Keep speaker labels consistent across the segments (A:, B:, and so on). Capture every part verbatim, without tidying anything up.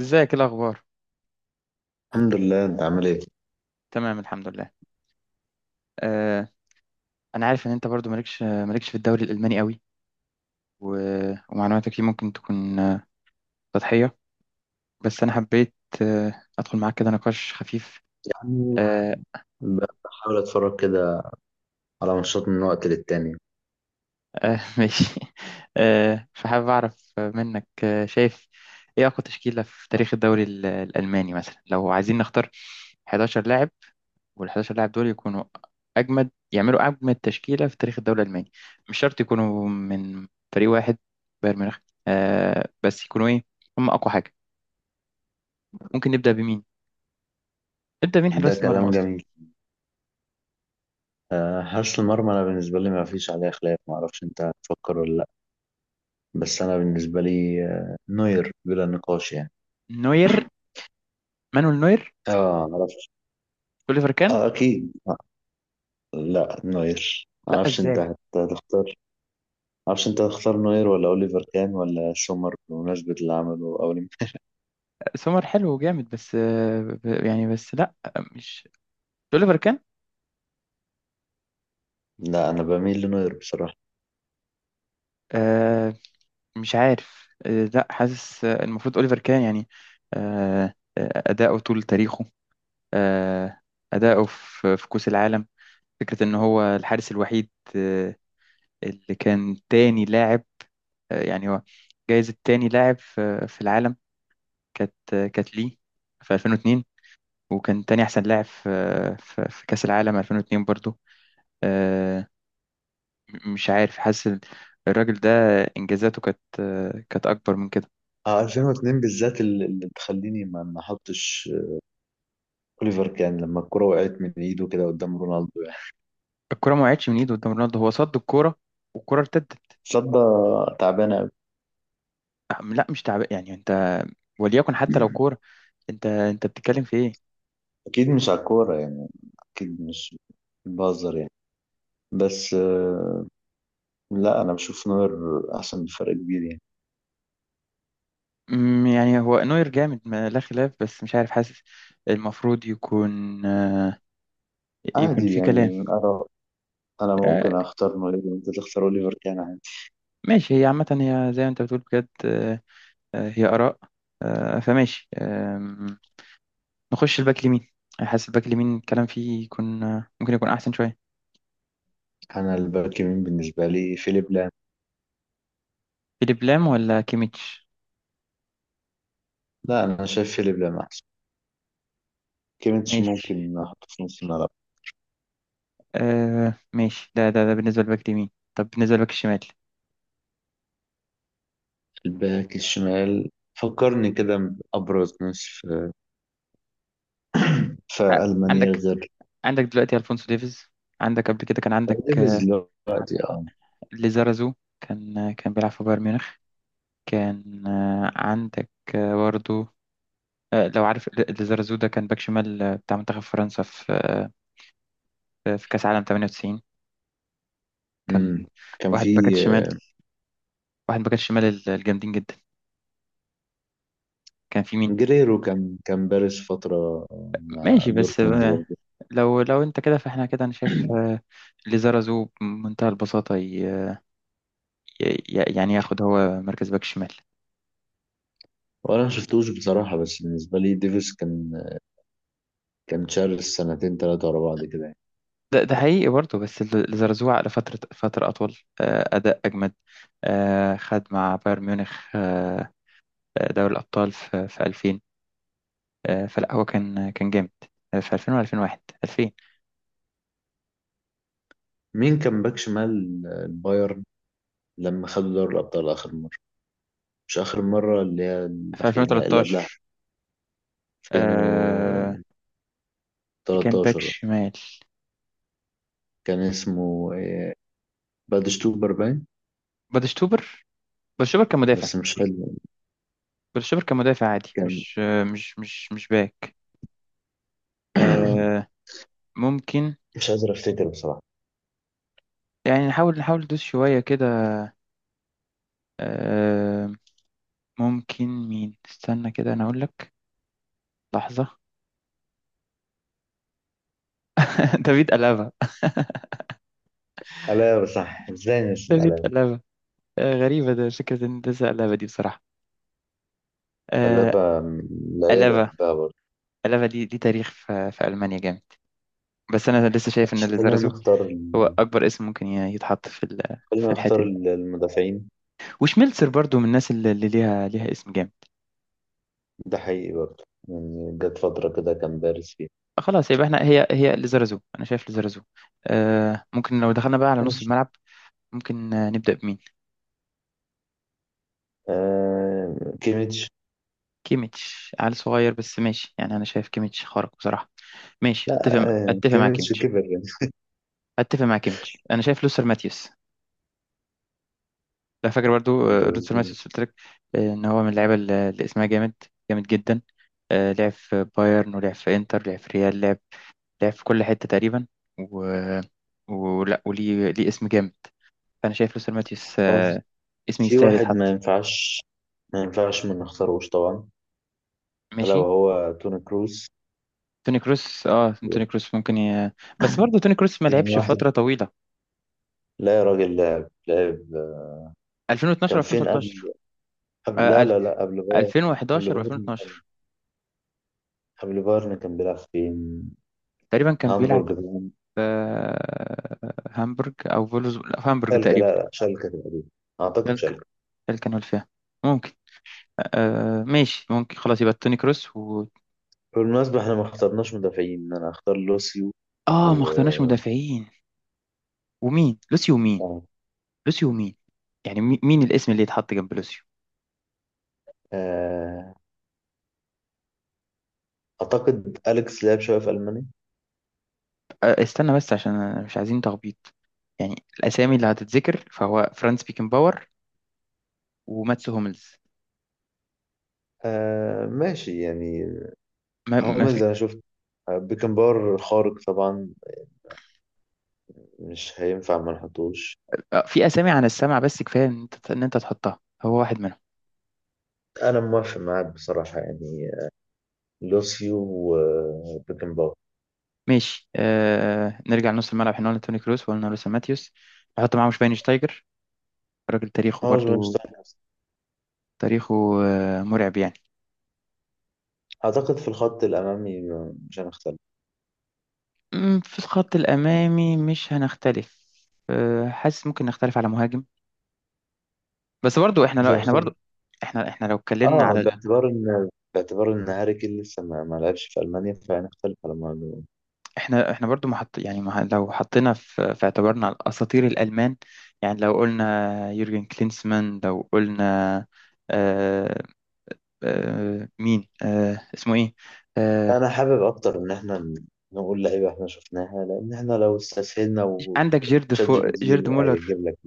A: ازيك، ايه الاخبار؟
B: الحمد لله، انت عامل ايه؟
A: تمام، الحمد لله. آه، انا عارف ان انت برضو مالكش مالكش في الدوري الالماني قوي، و... ومعلوماتك فيه ممكن تكون آه، سطحيه، بس انا حبيت آه ادخل معاك كده نقاش خفيف.
B: يعني
A: آه
B: ب- بحاول اتفرج كده على ماتشات من وقت للتاني.
A: آه ماشي. آه، فحابب اعرف منك، آه شايف ايه اقوى تشكيله في تاريخ الدوري ال- الالماني؟ مثلا لو عايزين نختار 11 لاعب، وال 11 لاعب دول يكونوا اجمد، يعملوا اجمد تشكيله في تاريخ الدوري الالماني. مش شرط يكونوا من فريق واحد، بايرن ميونخ، آه بس يكونوا ايه، هم اقوى حاجه. ممكن نبدا بمين؟ نبدا بمين
B: ده
A: حراس المرمى
B: كلام
A: اصلا؟
B: جميل. آه، حارس المرمى انا بالنسبه لي ما فيش عليه خلاف. ما اعرفش انت هتفكر ولا لا. بس انا بالنسبه لي آه، نوير بلا نقاش يعني.
A: نوير، مانويل نوير،
B: اه، معرفش.
A: اوليفر كان.
B: اه اكيد. لا، نوير
A: لا
B: معرفش انت
A: ازاي؟
B: هت- هتختار. معرفش انت هتختار نوير ولا اوليفر كان ولا سومر بمناسبه اللي عمله اول.
A: سومر حلو وجامد بس آه ب- يعني بس لا، مش اوليفر كان.
B: لا، انا بميل لنوير بصراحه.
A: آه، مش عارف، آه لا حاسس، آه، المفروض اوليفر كان يعني. آه آه، اداؤه طول تاريخه، آه، اداؤه في في كأس العالم، فكرة إن هو الحارس الوحيد، آه، اللي كان تاني لاعب، آه، يعني هو جايزة تاني لاعب في في العالم كانت، آه، كانت ليه في الفين واتنين، وكان تاني أحسن لاعب في في في كأس العالم الفين واتنين برضو. آه، م- مش عارف حاسس ال- الراجل ده إنجازاته كانت، آه، كانت أكبر من كده.
B: اه، ألفين واتنين بالذات اللي اللي تخليني ما ما احطش اوليفر كان، لما الكرة وقعت من ايده كده قدام رونالدو يعني.
A: الكرة ما وقعتش من إيده قدام رونالدو، هو صد الكرة والكرة ارتدت.
B: صدى تعبانة أوي.
A: آه، لا مش تعب يعني، أنت وليكن حتى لو كورة، أنت أنت بتتكلم في إيه؟
B: اكيد مش على الكورة يعني، اكيد مش، بهزر يعني. بس آه، لا انا بشوف نوير احسن بفرق كبير يعني.
A: أمم، يعني هو نوير جامد ما لا خلاف، بس مش عارف حاسس المفروض يكون آه، يكون
B: عادي
A: في
B: يعني.
A: كلام.
B: انا انا
A: آه،
B: ممكن اختار نوير وانت تختار اوليفر كان، عادي.
A: ماشي، هي عامة هي زي ما انت بتقول بجد، آه، آه، هي آراء، آه، فماشي آم، نخش الباك اليمين. حاسس الباك اليمين الكلام فيه يكون آه، ممكن يكون أحسن شوية.
B: انا الباك يمين بالنسبة لي فيليب لام.
A: فيليب لام ولا كيميتش؟
B: لا، انا شايف فيليب لام احسن. كيميتش
A: ماشي.
B: ممكن احطه في نص الملعب.
A: آه، ماشي، ده ده ده بالنسبة للباك اليمين. طب بالنسبة للباك الشمال،
B: الباك الشمال فكرني كده بأبرز ناس في في
A: آه،
B: ألمانيا
A: عندك،
B: غير
A: عندك دلوقتي ألفونسو ديفيز، عندك قبل كده كان عندك
B: ديفيز
A: آه،
B: دلوقتي، اه.
A: ليزارازو. كان كان بيلعب في بايرن ميونخ. كان آه، عندك آه، برضو آه، لو عارف، ل- ليزارازو ده كان باك شمال آه، بتاع منتخب فرنسا في، آه، في كأس عالم ثمانية وتسعين. كان
B: امم كان
A: واحد من باكات
B: في
A: الشمال، واحد من باكات الشمال ال- الجامدين جدا. كان في مين؟
B: جريرو، كان كان بارز فترة مع
A: ماشي، بس
B: دورتموند
A: آه،
B: برضه.
A: لو لو انت كده، فاحنا كده انا شايف آه، ليزارازو بمنتهى البساطة، ي- ي- يعني ياخد هو مركز باك شمال.
B: وانا ما شفتوش بصراحة، بس بالنسبة لي ديفيس كان كان شارس سنتين ثلاثة ورا بعض كده يعني.
A: ده ده حقيقي برضه، بس ال- الزرزوع لفترة، فترة أطول، آه، أداء أجمد. آه، خد مع بايرن ميونخ آه، آه، دوري الأبطال في في الفين. آه، فلا هو كان كان جامد، آه، في الفين و2001 الفين.
B: مين كان باك شمال البايرن لما خدوا دوري الأبطال آخر مرة؟ مش آخر مرة اللي هي
A: في
B: الأخير، لا اللي قبلها.
A: الفين وتلتاشر، آه،
B: ألفين وتلتاشر.
A: كان باك شمال
B: كان اسمه إيه، بادشتوبر باين؟
A: بادشتوبر. بادشتوبر كان مدافع.
B: بس مش فاكر.
A: بادشتوبر كان مدافع عادي،
B: كان
A: مش آه، مش مش مش باك. آه، ممكن
B: مش قادر افتكر بصراحة.
A: يعني، نحاول نحاول ندوس شوية كده. آه، ممكن مين؟ استنى كده أنا أقول لك. لحظة. دافيد ألابا
B: ألا صح، ازاي
A: دافيد
B: نسينا؟
A: ألابا. آه، غريبة ده، فكرة إن ده زي ألابا دي بصراحة. آه،
B: اللعبة من اللعيبة اللي
A: ألابا،
B: بحبها برضه.
A: ألابا دي دي تاريخ في, في ألمانيا جامد. بس أنا لسه شايف إن
B: عشان خلينا
A: ليزارزو
B: نختار
A: هو
B: ال-
A: أكبر اسم ممكن ي- يتحط في ال- في
B: خلينا
A: الحتة
B: نختار
A: دي.
B: ال- المدافعين.
A: وشميلتسر برضو من الناس اللي اللي ليها ليها اسم جامد.
B: ده حقيقي برضه، يعني جت فترة كده كان دارس فيها.
A: آه، خلاص يبقى احنا هي هي ليزارزو، أنا شايف ليزارزو. آه، ممكن لو دخلنا بقى على نص
B: ماشي.
A: الملعب، ممكن آه، نبدأ بمين؟
B: آه كيميتش.
A: كيميتش عيل صغير بس ماشي يعني، أنا شايف كيميتش خارق بصراحة. ماشي،
B: لا،
A: أتفق
B: آه
A: أتفق مع
B: كيميتش
A: كيميتش.
B: كبر يعني.
A: اتفق معاك يا ميتش، انا شايف لوثر ماتيوس. لا، فاكر برضو آه،
B: اللي-
A: لوثر ماتيوس قلت لك، آه، ان هو من اللعيبه اللي اللي اسمها جامد، جامد جدا. آه، لعب في بايرن، ولعب في انتر، لعب في ريال، لعب لعب في كل حته تقريبا، و... ولا وليه، ليه اسم جامد. فانا شايف لوثر ماتيوس،
B: خلاص.
A: آه، اسم
B: في
A: يستاهل
B: واحد ما
A: يتحط.
B: ينفعش، ما ينفعش ما نختاروش طبعا، ألا
A: ماشي.
B: وهو توني كروس.
A: توني كروس، اه توني كروس ممكن ي... بس برضه توني كروس ما
B: يعني
A: لعبش
B: واحد،
A: فتره طويله.
B: لا يا راجل، لعب لعب.
A: الفين واتناشر
B: كان فين
A: الفين وتلتاشر،
B: قبل، قبل،
A: آه،
B: لا
A: أل-
B: لا لا، قبل بايرن. قبل
A: الفين وحداشر
B: بايرن،
A: و2012
B: قبل بايرن كان بيلعب فين؟
A: تقريبا. كان بيلعب
B: هامبورج بقى.
A: في هامبورج او فولوز، لا، في هامبورج
B: شالكة،
A: تقريبا.
B: لا لا، شالكة تقريبا، أعتقد
A: تلك،
B: شالكة.
A: تلك انا فيها. ممكن. آه ماشي، ممكن. خلاص يبقى توني كروس و...
B: بالمناسبة احنا ما اخترناش مدافعين. أنا اختار لوسيو
A: اه، ما
B: و
A: اخترناش مدافعين. ومين؟ لوسيو ومين؟
B: آه.
A: لوسيو ومين؟ يعني مي- مين الاسم اللي يتحط جنب لوسيو؟
B: آه، أعتقد أليكس لعب شوية في ألمانيا.
A: آه، استنى بس عشان أنا مش عايزين تخبيط. يعني الاسامي اللي هتتذكر فهو فرانس بيكنباور وماتس هوملز.
B: آه ماشي يعني،
A: ما,
B: هو
A: ما
B: من
A: في
B: زي ما شفت. آه، بيكنبار خارق طبعا، مش هينفع ما نحطوش.
A: آه في اسامي عن السمع، بس كفايه ان انت، ان انت تحطها هو واحد منهم.
B: أنا موافق معاك بصراحة يعني. لوسيو وبيكنبار.
A: ماشي. آه، نرجع لنص الملعب. احنا قلنا توني كروس، وقلنا لوسا ماتيوس. نحط معاه شفاينشتايجر، راجل تاريخه
B: هاوز
A: برضو،
B: شتاينر.
A: تاريخه آه مرعب يعني.
B: أعتقد في الخط الأمامي مش هنختلف.
A: أمم، في الخط الأمامي مش هنختلف. آه، حاسس ممكن نختلف على مهاجم. بس برضو احنا،
B: مش
A: لو احنا
B: هنختلف.
A: برضو، احنا احنا لو اتكلمنا
B: اه،
A: على ال-
B: باعتبار ان باعتبار ان هاري كين لسه ما ما لعبش في المانيا، فهنختلف على الموضوع.
A: احنا احنا برضو محط يعني، مح- لو حطينا في, في اعتبارنا الأساطير الألمان. يعني لو قلنا يورجن كلينسمان، لو قلنا آه آه مين، آه اسمه ايه؟ آه،
B: انا حابب اكتر ان احنا ن- نقول لعيبه احنا شفناها، لان احنا لو استسهلنا
A: عندك جيرد
B: وتشات جي
A: فو...
B: بي تي
A: جيرد مولر.
B: هيجيب لك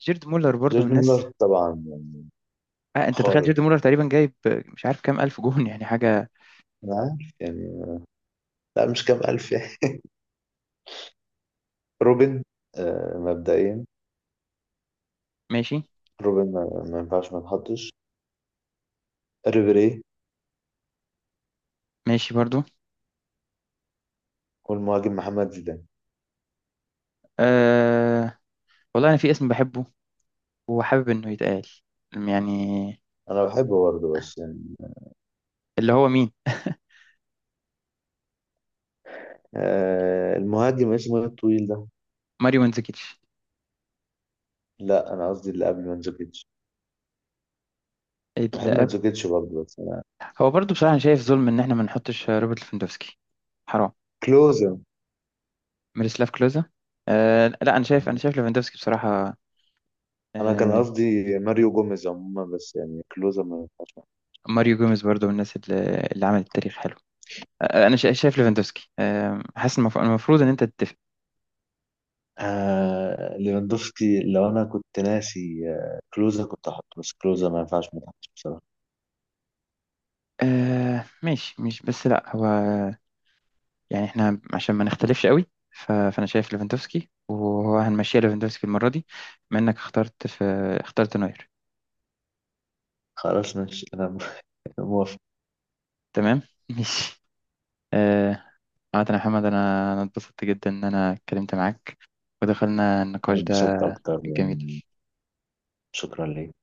A: جيرد مولر برضو من
B: جوردن ميلر
A: الناس.
B: طبعا يعني.
A: آه، انت تخيل جيرد
B: خارق،
A: مولر تقريبا جايب مش عارف كام الف جون، يعني حاجه.
B: انا عارف يعني. لا، مش كام الف يعني. روبن، آه مبدئيا
A: ماشي.
B: روبن ما, ما ينفعش ما نحطش، ريبيري.
A: ماشي برضو.
B: والمهاجم محمد زيدان.
A: آه... والله انا في اسم بحبه وحابب انه يتقال، يعني
B: انا بحبه برضه بس يعني.
A: اللي هو مين؟
B: آه المهاجم اسمه ايه الطويل ده؟
A: ماريو منزكيتش.
B: لا، انا قصدي اللي قبل منزوكيتش.
A: اللي
B: بحب
A: قبل.
B: منزوكيتش برضه بس انا.
A: هو برضو بصراحه، أنا شايف ظلم ان احنا ما نحطش روبرت ليفاندوفسكي. حرام.
B: كلوزا.
A: ميروسلاف كلوزا. آه... لا انا شايف، انا شايف ليفاندوفسكي بصراحه.
B: انا كان
A: آه...
B: قصدي ماريو جوميز عموما، بس يعني كلوزا ما ينفعش معاه.
A: ماريو جوميز برضو من الناس اللي, اللي عملت تاريخ. آه، انا شا- شايف ليفاندوسكي. آه، حاسس المف- المفروض ان انت تتفق.
B: آه ليفاندوفسكي، لو انا كنت ناسي آه، كلوزا كنت احطه، بس كلوزا ما ينفعش ما تحطش بصراحه.
A: آه، ماشي، مش بس لا، هو يعني احنا عشان ما نختلفش قوي، ف- فانا شايف ليفاندوسكي، وهو هنمشيها ليفاندوسكي المره دي. بما انك اخترت في، اخترت نوير.
B: خلاص ماشي، انا موافق.
A: تمام ماشي. آه، عامة يا محمد، انا انا اتبسطت جدا ان انا اتكلمت معاك ودخلنا
B: انا
A: النقاش ده
B: انبسطت اكتر
A: الجميل.
B: يعني. شكرا ليك.